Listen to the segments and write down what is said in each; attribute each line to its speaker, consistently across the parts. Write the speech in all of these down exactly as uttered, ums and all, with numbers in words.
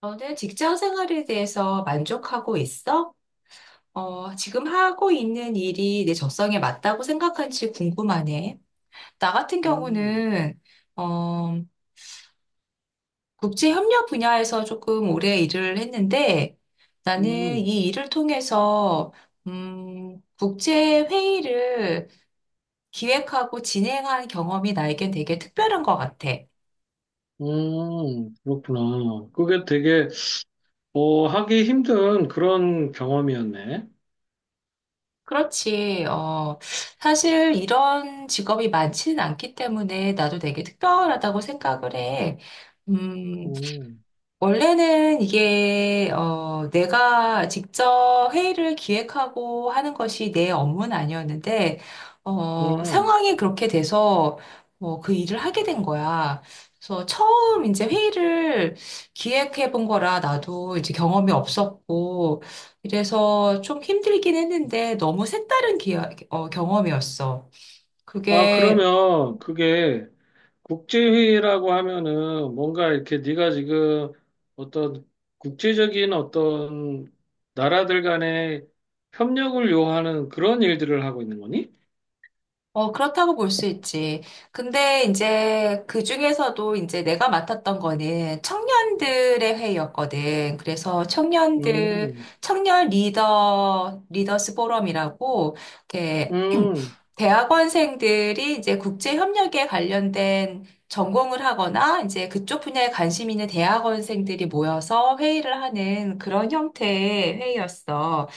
Speaker 1: 너는 직장 생활에 대해서 만족하고 있어? 어, 지금 하고 있는 일이 내 적성에 맞다고 생각한지 궁금하네. 나 같은
Speaker 2: 음.
Speaker 1: 경우는, 어, 국제협력 분야에서 조금 오래 일을 했는데, 나는
Speaker 2: 음.
Speaker 1: 이 일을 통해서, 음, 국제회의를 기획하고 진행한 경험이 나에겐 되게 특별한 것 같아.
Speaker 2: 음. 그렇구나. 그게 되게, 어, 하기 힘든 그런 경험이었네.
Speaker 1: 그렇지. 어, 사실 이런 직업이 많지는 않기 때문에 나도 되게 특별하다고 생각을 해. 음,
Speaker 2: 음.
Speaker 1: 원래는 이게, 어, 내가 직접 회의를 기획하고 하는 것이 내 업무는 아니었는데, 어,
Speaker 2: 음.
Speaker 1: 상황이 그렇게 돼서, 어, 그 일을 하게 된 거야. 그래서 처음 이제 회의를 기획해 본 거라 나도 이제 경험이 없었고, 이래서 좀 힘들긴 했는데 너무 색다른 기, 어, 경험이었어.
Speaker 2: 아,
Speaker 1: 그게
Speaker 2: 그러면 그게 국제회의라고 하면은 뭔가 이렇게 네가 지금 어떤 국제적인 어떤 나라들 간의 협력을 요하는 그런 일들을 하고 있는 거니?
Speaker 1: 어, 그렇다고 볼 수 있지. 근데 이제 그 중에서도 이제 내가 맡았던 거는 청년들의 회의였거든. 그래서 청년들,
Speaker 2: 음.
Speaker 1: 청년 리더, 리더스 포럼이라고, 이렇게,
Speaker 2: 음.
Speaker 1: 대학원생들이 이제 국제협력에 관련된 전공을 하거나 이제 그쪽 분야에 관심 있는 대학원생들이 모여서 회의를 하는 그런 형태의 회의였어.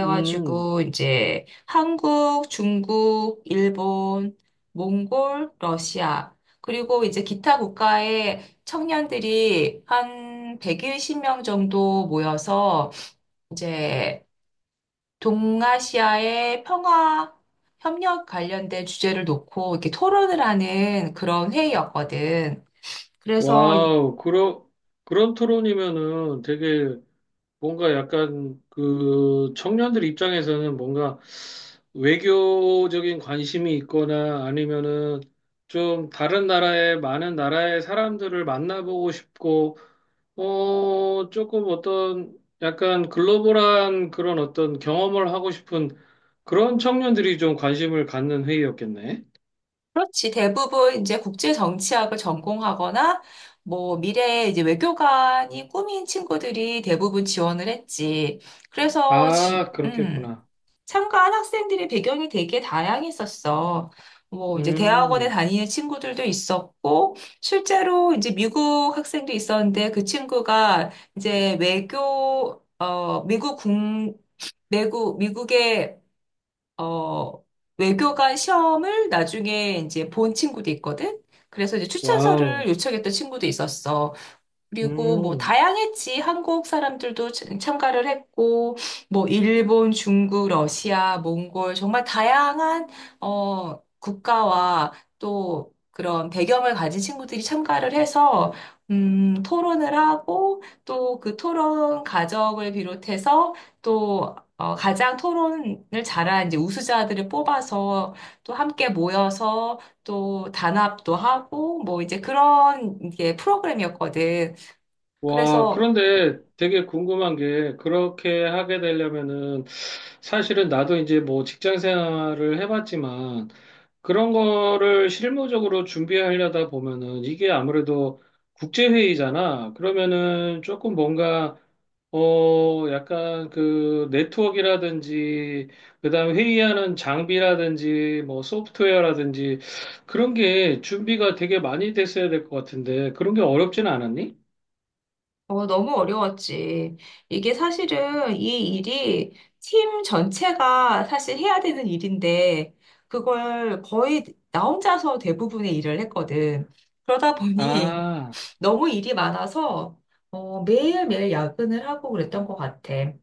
Speaker 2: 음.
Speaker 1: 이제 한국, 중국, 일본, 몽골, 러시아. 그리고 이제 기타 국가의 청년들이 한 백십 명 정도 모여서 이제 동아시아의 평화 협력 관련된 주제를 놓고 이렇게 토론을 하는 그런 회의였거든. 그래서
Speaker 2: 와우, 그러, 그런 토론이면은 되게 뭔가 약간 그 청년들 입장에서는 뭔가 외교적인 관심이 있거나 아니면은 좀 다른 나라의 많은 나라의 사람들을 만나보고 싶고 어 조금 어떤 약간 글로벌한 그런 어떤 경험을 하고 싶은 그런 청년들이 좀 관심을 갖는 회의였겠네.
Speaker 1: 그렇지. 대부분 이제 국제 정치학을 전공하거나 뭐 미래에 이제 외교관이 꿈인 친구들이 대부분 지원을 했지. 그래서 지,
Speaker 2: 아,
Speaker 1: 음,
Speaker 2: 그렇겠구나.
Speaker 1: 참가한 학생들의 배경이 되게 다양했었어. 뭐 이제 대학원에
Speaker 2: 음.
Speaker 1: 다니는 친구들도 있었고 실제로 이제 미국 학생도 있었는데 그 친구가 이제 외교 어 미국 국 미국 미국의 어, 외교관 시험을 나중에 이제 본 친구도 있거든? 그래서 이제 추천서를
Speaker 2: 와우.
Speaker 1: 요청했던 친구도 있었어. 그리고 뭐
Speaker 2: 음.
Speaker 1: 다양했지. 한국 사람들도 참- 참가를 했고, 뭐 일본, 중국, 러시아, 몽골 정말 다양한 어 국가와 또 그런 배경을 가진 친구들이 참가를 해서 음 토론을 하고 또 그 토론 과정을 비롯해서 또 어, 가장 토론을 잘한 이제 우수자들을 뽑아서 또 함께 모여서 또 단합도 하고 뭐 이제 그런 이게 프로그램이었거든.
Speaker 2: 와,
Speaker 1: 그래서
Speaker 2: 그런데 되게 궁금한 게, 그렇게 하게 되려면은, 사실은 나도 이제 뭐 직장 생활을 해봤지만, 그런 거를 실무적으로 준비하려다 보면은, 이게 아무래도 국제회의잖아. 그러면은 조금 뭔가, 어, 약간 그 네트워크라든지, 그다음 회의하는 장비라든지, 뭐 소프트웨어라든지, 그런 게 준비가 되게 많이 됐어야 될 것 같은데, 그런 게 어렵진 않았니?
Speaker 1: 어, 너무 어려웠지. 이게 사실은 이 일이 팀 전체가 사실 해야 되는 일인데 그걸 거의 나 혼자서 대부분의 일을 했거든. 그러다 보니
Speaker 2: 아.
Speaker 1: 너무 일이 많아서 어, 매일매일 야근을 하고 그랬던 것 같아.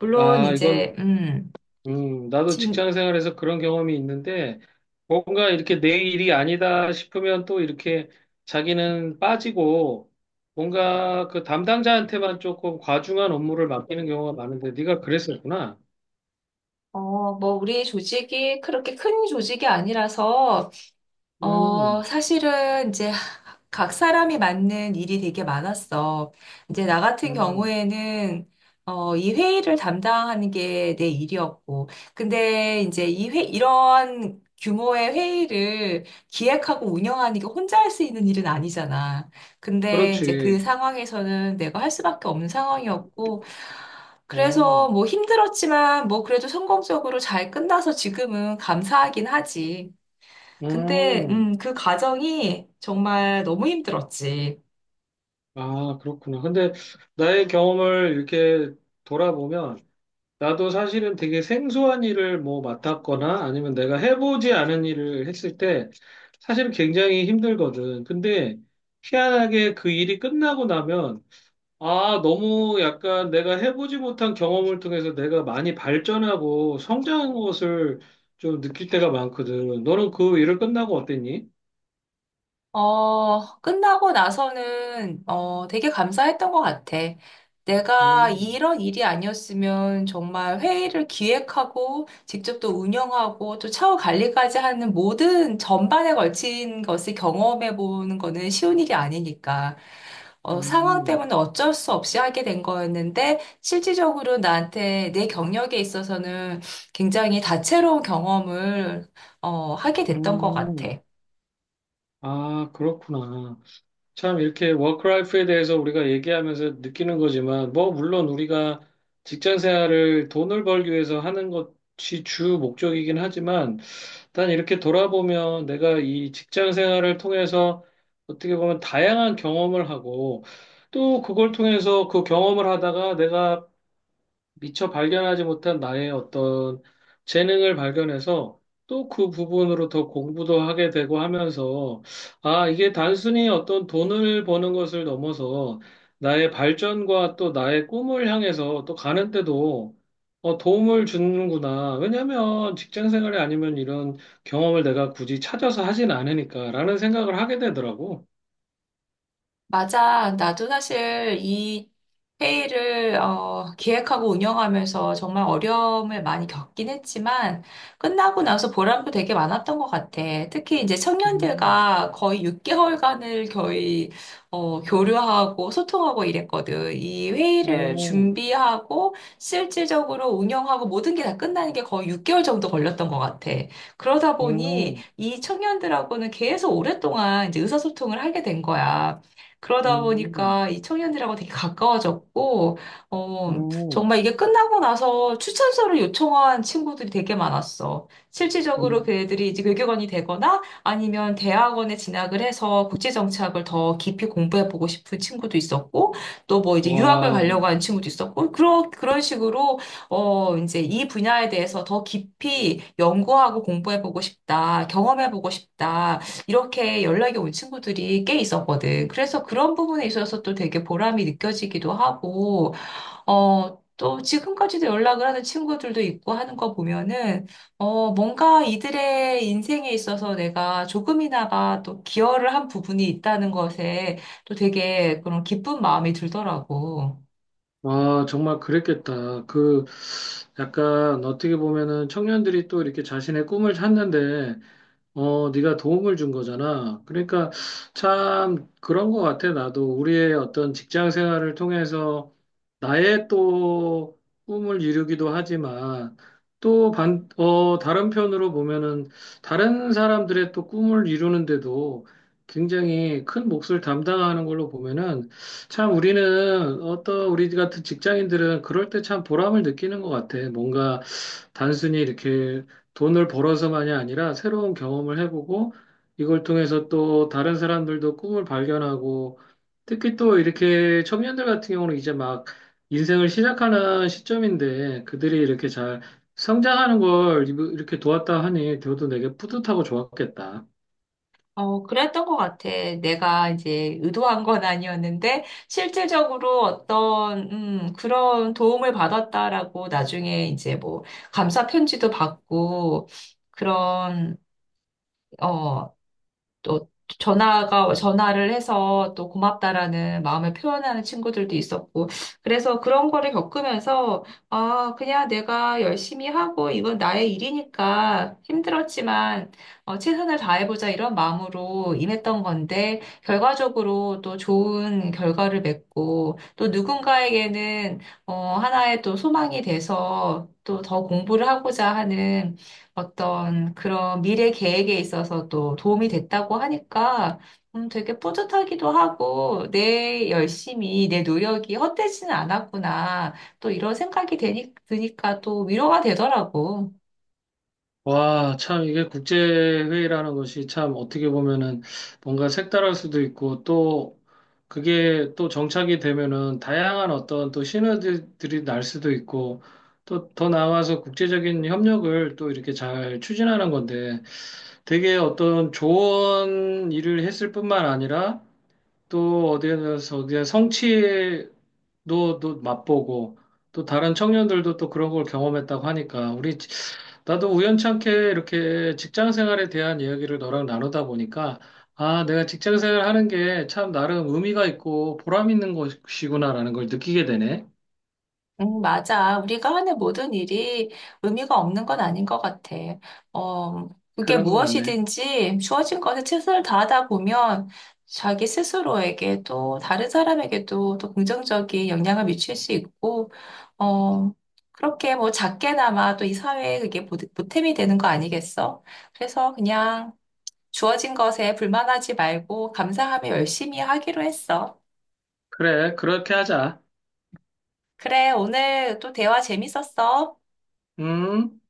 Speaker 1: 물론
Speaker 2: 아, 이건,
Speaker 1: 이제 음,
Speaker 2: 음, 나도
Speaker 1: 진,
Speaker 2: 직장 생활에서 그런 경험이 있는데, 뭔가 이렇게 내 일이 아니다 싶으면 또 이렇게 자기는 빠지고, 뭔가 그 담당자한테만 조금 과중한 업무를 맡기는 경우가 많은데, 네가 그랬었구나.
Speaker 1: 어, 뭐 우리 조직이 그렇게 큰 조직이 아니라서 어,
Speaker 2: 음.
Speaker 1: 사실은 이제 각 사람이 맞는 일이 되게 많았어. 이제 나 같은
Speaker 2: 음.
Speaker 1: 경우에는 어, 이 회의를 담당하는 게 내 일이었고. 근데 이제 이 회, 이런 규모의 회의를 기획하고 운영하는 게 혼자 할 수 있는 일은 아니잖아. 근데 이제 그
Speaker 2: 그렇지.
Speaker 1: 상황에서는 내가 할 수밖에 없는 상황이었고.
Speaker 2: 음.
Speaker 1: 그래서 뭐 힘들었지만 뭐 그래도 성공적으로 잘 끝나서 지금은 감사하긴 하지. 근데,
Speaker 2: 음.
Speaker 1: 음, 그 과정이 정말 너무 힘들었지.
Speaker 2: 아, 그렇구나. 근데 나의 경험을 이렇게 돌아보면, 나도 사실은 되게 생소한 일을 뭐 맡았거나 아니면 내가 해보지 않은 일을 했을 때 사실 굉장히 힘들거든. 근데 희한하게 그 일이 끝나고 나면 아, 너무 약간 내가 해보지 못한 경험을 통해서 내가 많이 발전하고 성장한 것을 좀 느낄 때가 많거든. 너는 그 일을 끝나고 어땠니?
Speaker 1: 어, 끝나고 나서는, 어, 되게 감사했던 것 같아. 내가
Speaker 2: 음.
Speaker 1: 이런 일이 아니었으면 정말 회의를 기획하고, 직접 또 운영하고, 또 차후 관리까지 하는 모든 전반에 걸친 것을 경험해 보는 거는 쉬운 일이 아니니까. 어, 상황
Speaker 2: 음.
Speaker 1: 때문에 어쩔 수 없이 하게 된 거였는데, 실질적으로 나한테 내 경력에 있어서는 굉장히 다채로운 경험을, 어, 하게 됐던 것 같아.
Speaker 2: 음. 아, 그렇구나. 참 이렇게 워크라이프에 대해서 우리가 얘기하면서 느끼는 거지만 뭐 물론 우리가 직장 생활을 돈을 벌기 위해서 하는 것이 주 목적이긴 하지만 난 이렇게 돌아보면 내가 이 직장 생활을 통해서 어떻게 보면 다양한 경험을 하고 또 그걸 통해서 그 경험을 하다가 내가 미처 발견하지 못한 나의 어떤 재능을 발견해서 또 그 부분으로 더 공부도 하게 되고 하면서 아, 이게 단순히 어떤 돈을 버는 것을 넘어서 나의 발전과 또 나의 꿈을 향해서 또 가는 때도 어, 도움을 주는구나. 왜냐면 직장 생활이 아니면 이런 경험을 내가 굳이 찾아서 하진 않으니까라는 생각을 하게 되더라고.
Speaker 1: 맞아. 나도 사실 이 회의를 어, 기획하고 운영하면서 정말 어려움을 많이 겪긴 했지만 끝나고 나서 보람도 되게 많았던 것 같아. 특히 이제
Speaker 2: 음.
Speaker 1: 청년들과 거의 육 개월간을 거의 어, 교류하고 소통하고 이랬거든. 이 회의를
Speaker 2: 오.
Speaker 1: 준비하고 실질적으로 운영하고 모든 게 다 끝나는 게 거의 육 개월 정도 걸렸던 것 같아. 그러다 보니
Speaker 2: 음.
Speaker 1: 이 청년들하고는 계속 오랫동안 이제 의사소통을 하게 된 거야. 그러다
Speaker 2: 음.
Speaker 1: 보니까 이 청년들하고 되게 가까워졌고, 어,
Speaker 2: 음.
Speaker 1: 정말 이게 끝나고 나서 추천서를 요청한 친구들이 되게 많았어. 실질적으로 그
Speaker 2: 음.
Speaker 1: 애들이 이제 외교관이 되거나 아니면 대학원에 진학을 해서 국제정치학을 더 깊이 공부해보고 싶은 친구도 있었고, 또 뭐 이제 유학을 가려고
Speaker 2: 와.
Speaker 1: 하는 친구도 있었고, 그런, 그런 식으로, 어, 이제 이 분야에 대해서 더 깊이 연구하고 공부해보고 싶다, 경험해보고 싶다, 이렇게 연락이 온 친구들이 꽤 있었거든. 그래서 그런 부분에 있어서 또 되게 보람이 느껴지기도 하고, 어, 또 지금까지도 연락을 하는 친구들도 있고 하는 거 보면은, 어, 뭔가 이들의 인생에 있어서 내가 조금이나마 또 기여를 한 부분이 있다는 것에 또 되게 그런 기쁜 마음이 들더라고.
Speaker 2: 아, 정말 그랬겠다. 그, 약간 어떻게 보면은 청년들이 또 이렇게 자신의 꿈을 찾는데 어, 네가 도움을 준 거잖아. 그러니까 참 그런 거 같아. 나도 우리의 어떤 직장 생활을 통해서 나의 또 꿈을 이루기도 하지만 또 반, 어, 다른 편으로 보면은 다른 사람들의 또 꿈을 이루는데도 굉장히 큰 몫을 담당하는 걸로 보면은 참 우리는 어떤 우리 같은 직장인들은 그럴 때 참 보람을 느끼는 것 같아. 뭔가 단순히 이렇게 돈을 벌어서만이 아니라 새로운 경험을 해보고 이걸 통해서 또 다른 사람들도 꿈을 발견하고 특히 또 이렇게 청년들 같은 경우는 이제 막 인생을 시작하는 시점인데 그들이 이렇게 잘 성장하는 걸 이렇게 도왔다 하니 저도 되게 뿌듯하고 좋았겠다.
Speaker 1: 어, 그랬던 것 같아. 내가 이제 의도한 건 아니었는데, 실질적으로 어떤, 음, 그런 도움을 받았다라고 나중에 이제 뭐, 감사 편지도 받고, 그런, 어, 또 전화가 전화를 해서 또 고맙다라는 마음을 표현하는 친구들도 있었고 그래서 그런 거를 겪으면서 아 그냥 내가 열심히 하고 이건 나의 일이니까 힘들었지만 어, 최선을 다해보자 이런 마음으로 임했던 건데 결과적으로 또 좋은 결과를 맺고 또 누군가에게는 어, 하나의 또 소망이 돼서 또 더 공부를 하고자 하는 어떤 그런 미래 계획에 있어서도 도움이 됐다고 하니까 음, 되게 뿌듯하기도 하고 내 열심히 내 노력이 헛되지는 않았구나. 또 이런 생각이 되니, 드니까 또 위로가 되더라고.
Speaker 2: 와, 참, 이게 국제회의라는 것이 참 어떻게 보면은 뭔가 색다를 수도 있고 또 그게 또 정착이 되면은 다양한 어떤 또 시너지들이 날 수도 있고 또 더 나아가서 국제적인 협력을 또 이렇게 잘 추진하는 건데 되게 어떤 좋은 일을 했을 뿐만 아니라 또 어디에서 어디에 성취도 또 맛보고 또 다른 청년들도 또 그런 걸 경험했다고 하니까 우리 나도 우연찮게 이렇게 직장 생활에 대한 이야기를 너랑 나누다 보니까, 아, 내가 직장 생활 하는 게 참 나름 의미가 있고 보람 있는 것이구나라는 걸 느끼게 되네.
Speaker 1: 음, 맞아. 우리가 하는 모든 일이 의미가 없는 건 아닌 것 같아. 어, 그게
Speaker 2: 그런 것 같네.
Speaker 1: 무엇이든지 주어진 것에 최선을 다하다 보면 자기 스스로에게 또 다른 사람에게도 또 긍정적인 영향을 미칠 수 있고, 어, 그렇게 뭐 작게나마 또 이 사회에 그게 보- 보탬이 되는 거 아니겠어? 그래서 그냥 주어진 것에 불만하지 말고 감사하며 열심히 하기로 했어.
Speaker 2: 그래, 그렇게 하자.
Speaker 1: 그래, 오늘 또 대화 재밌었어.
Speaker 2: 음.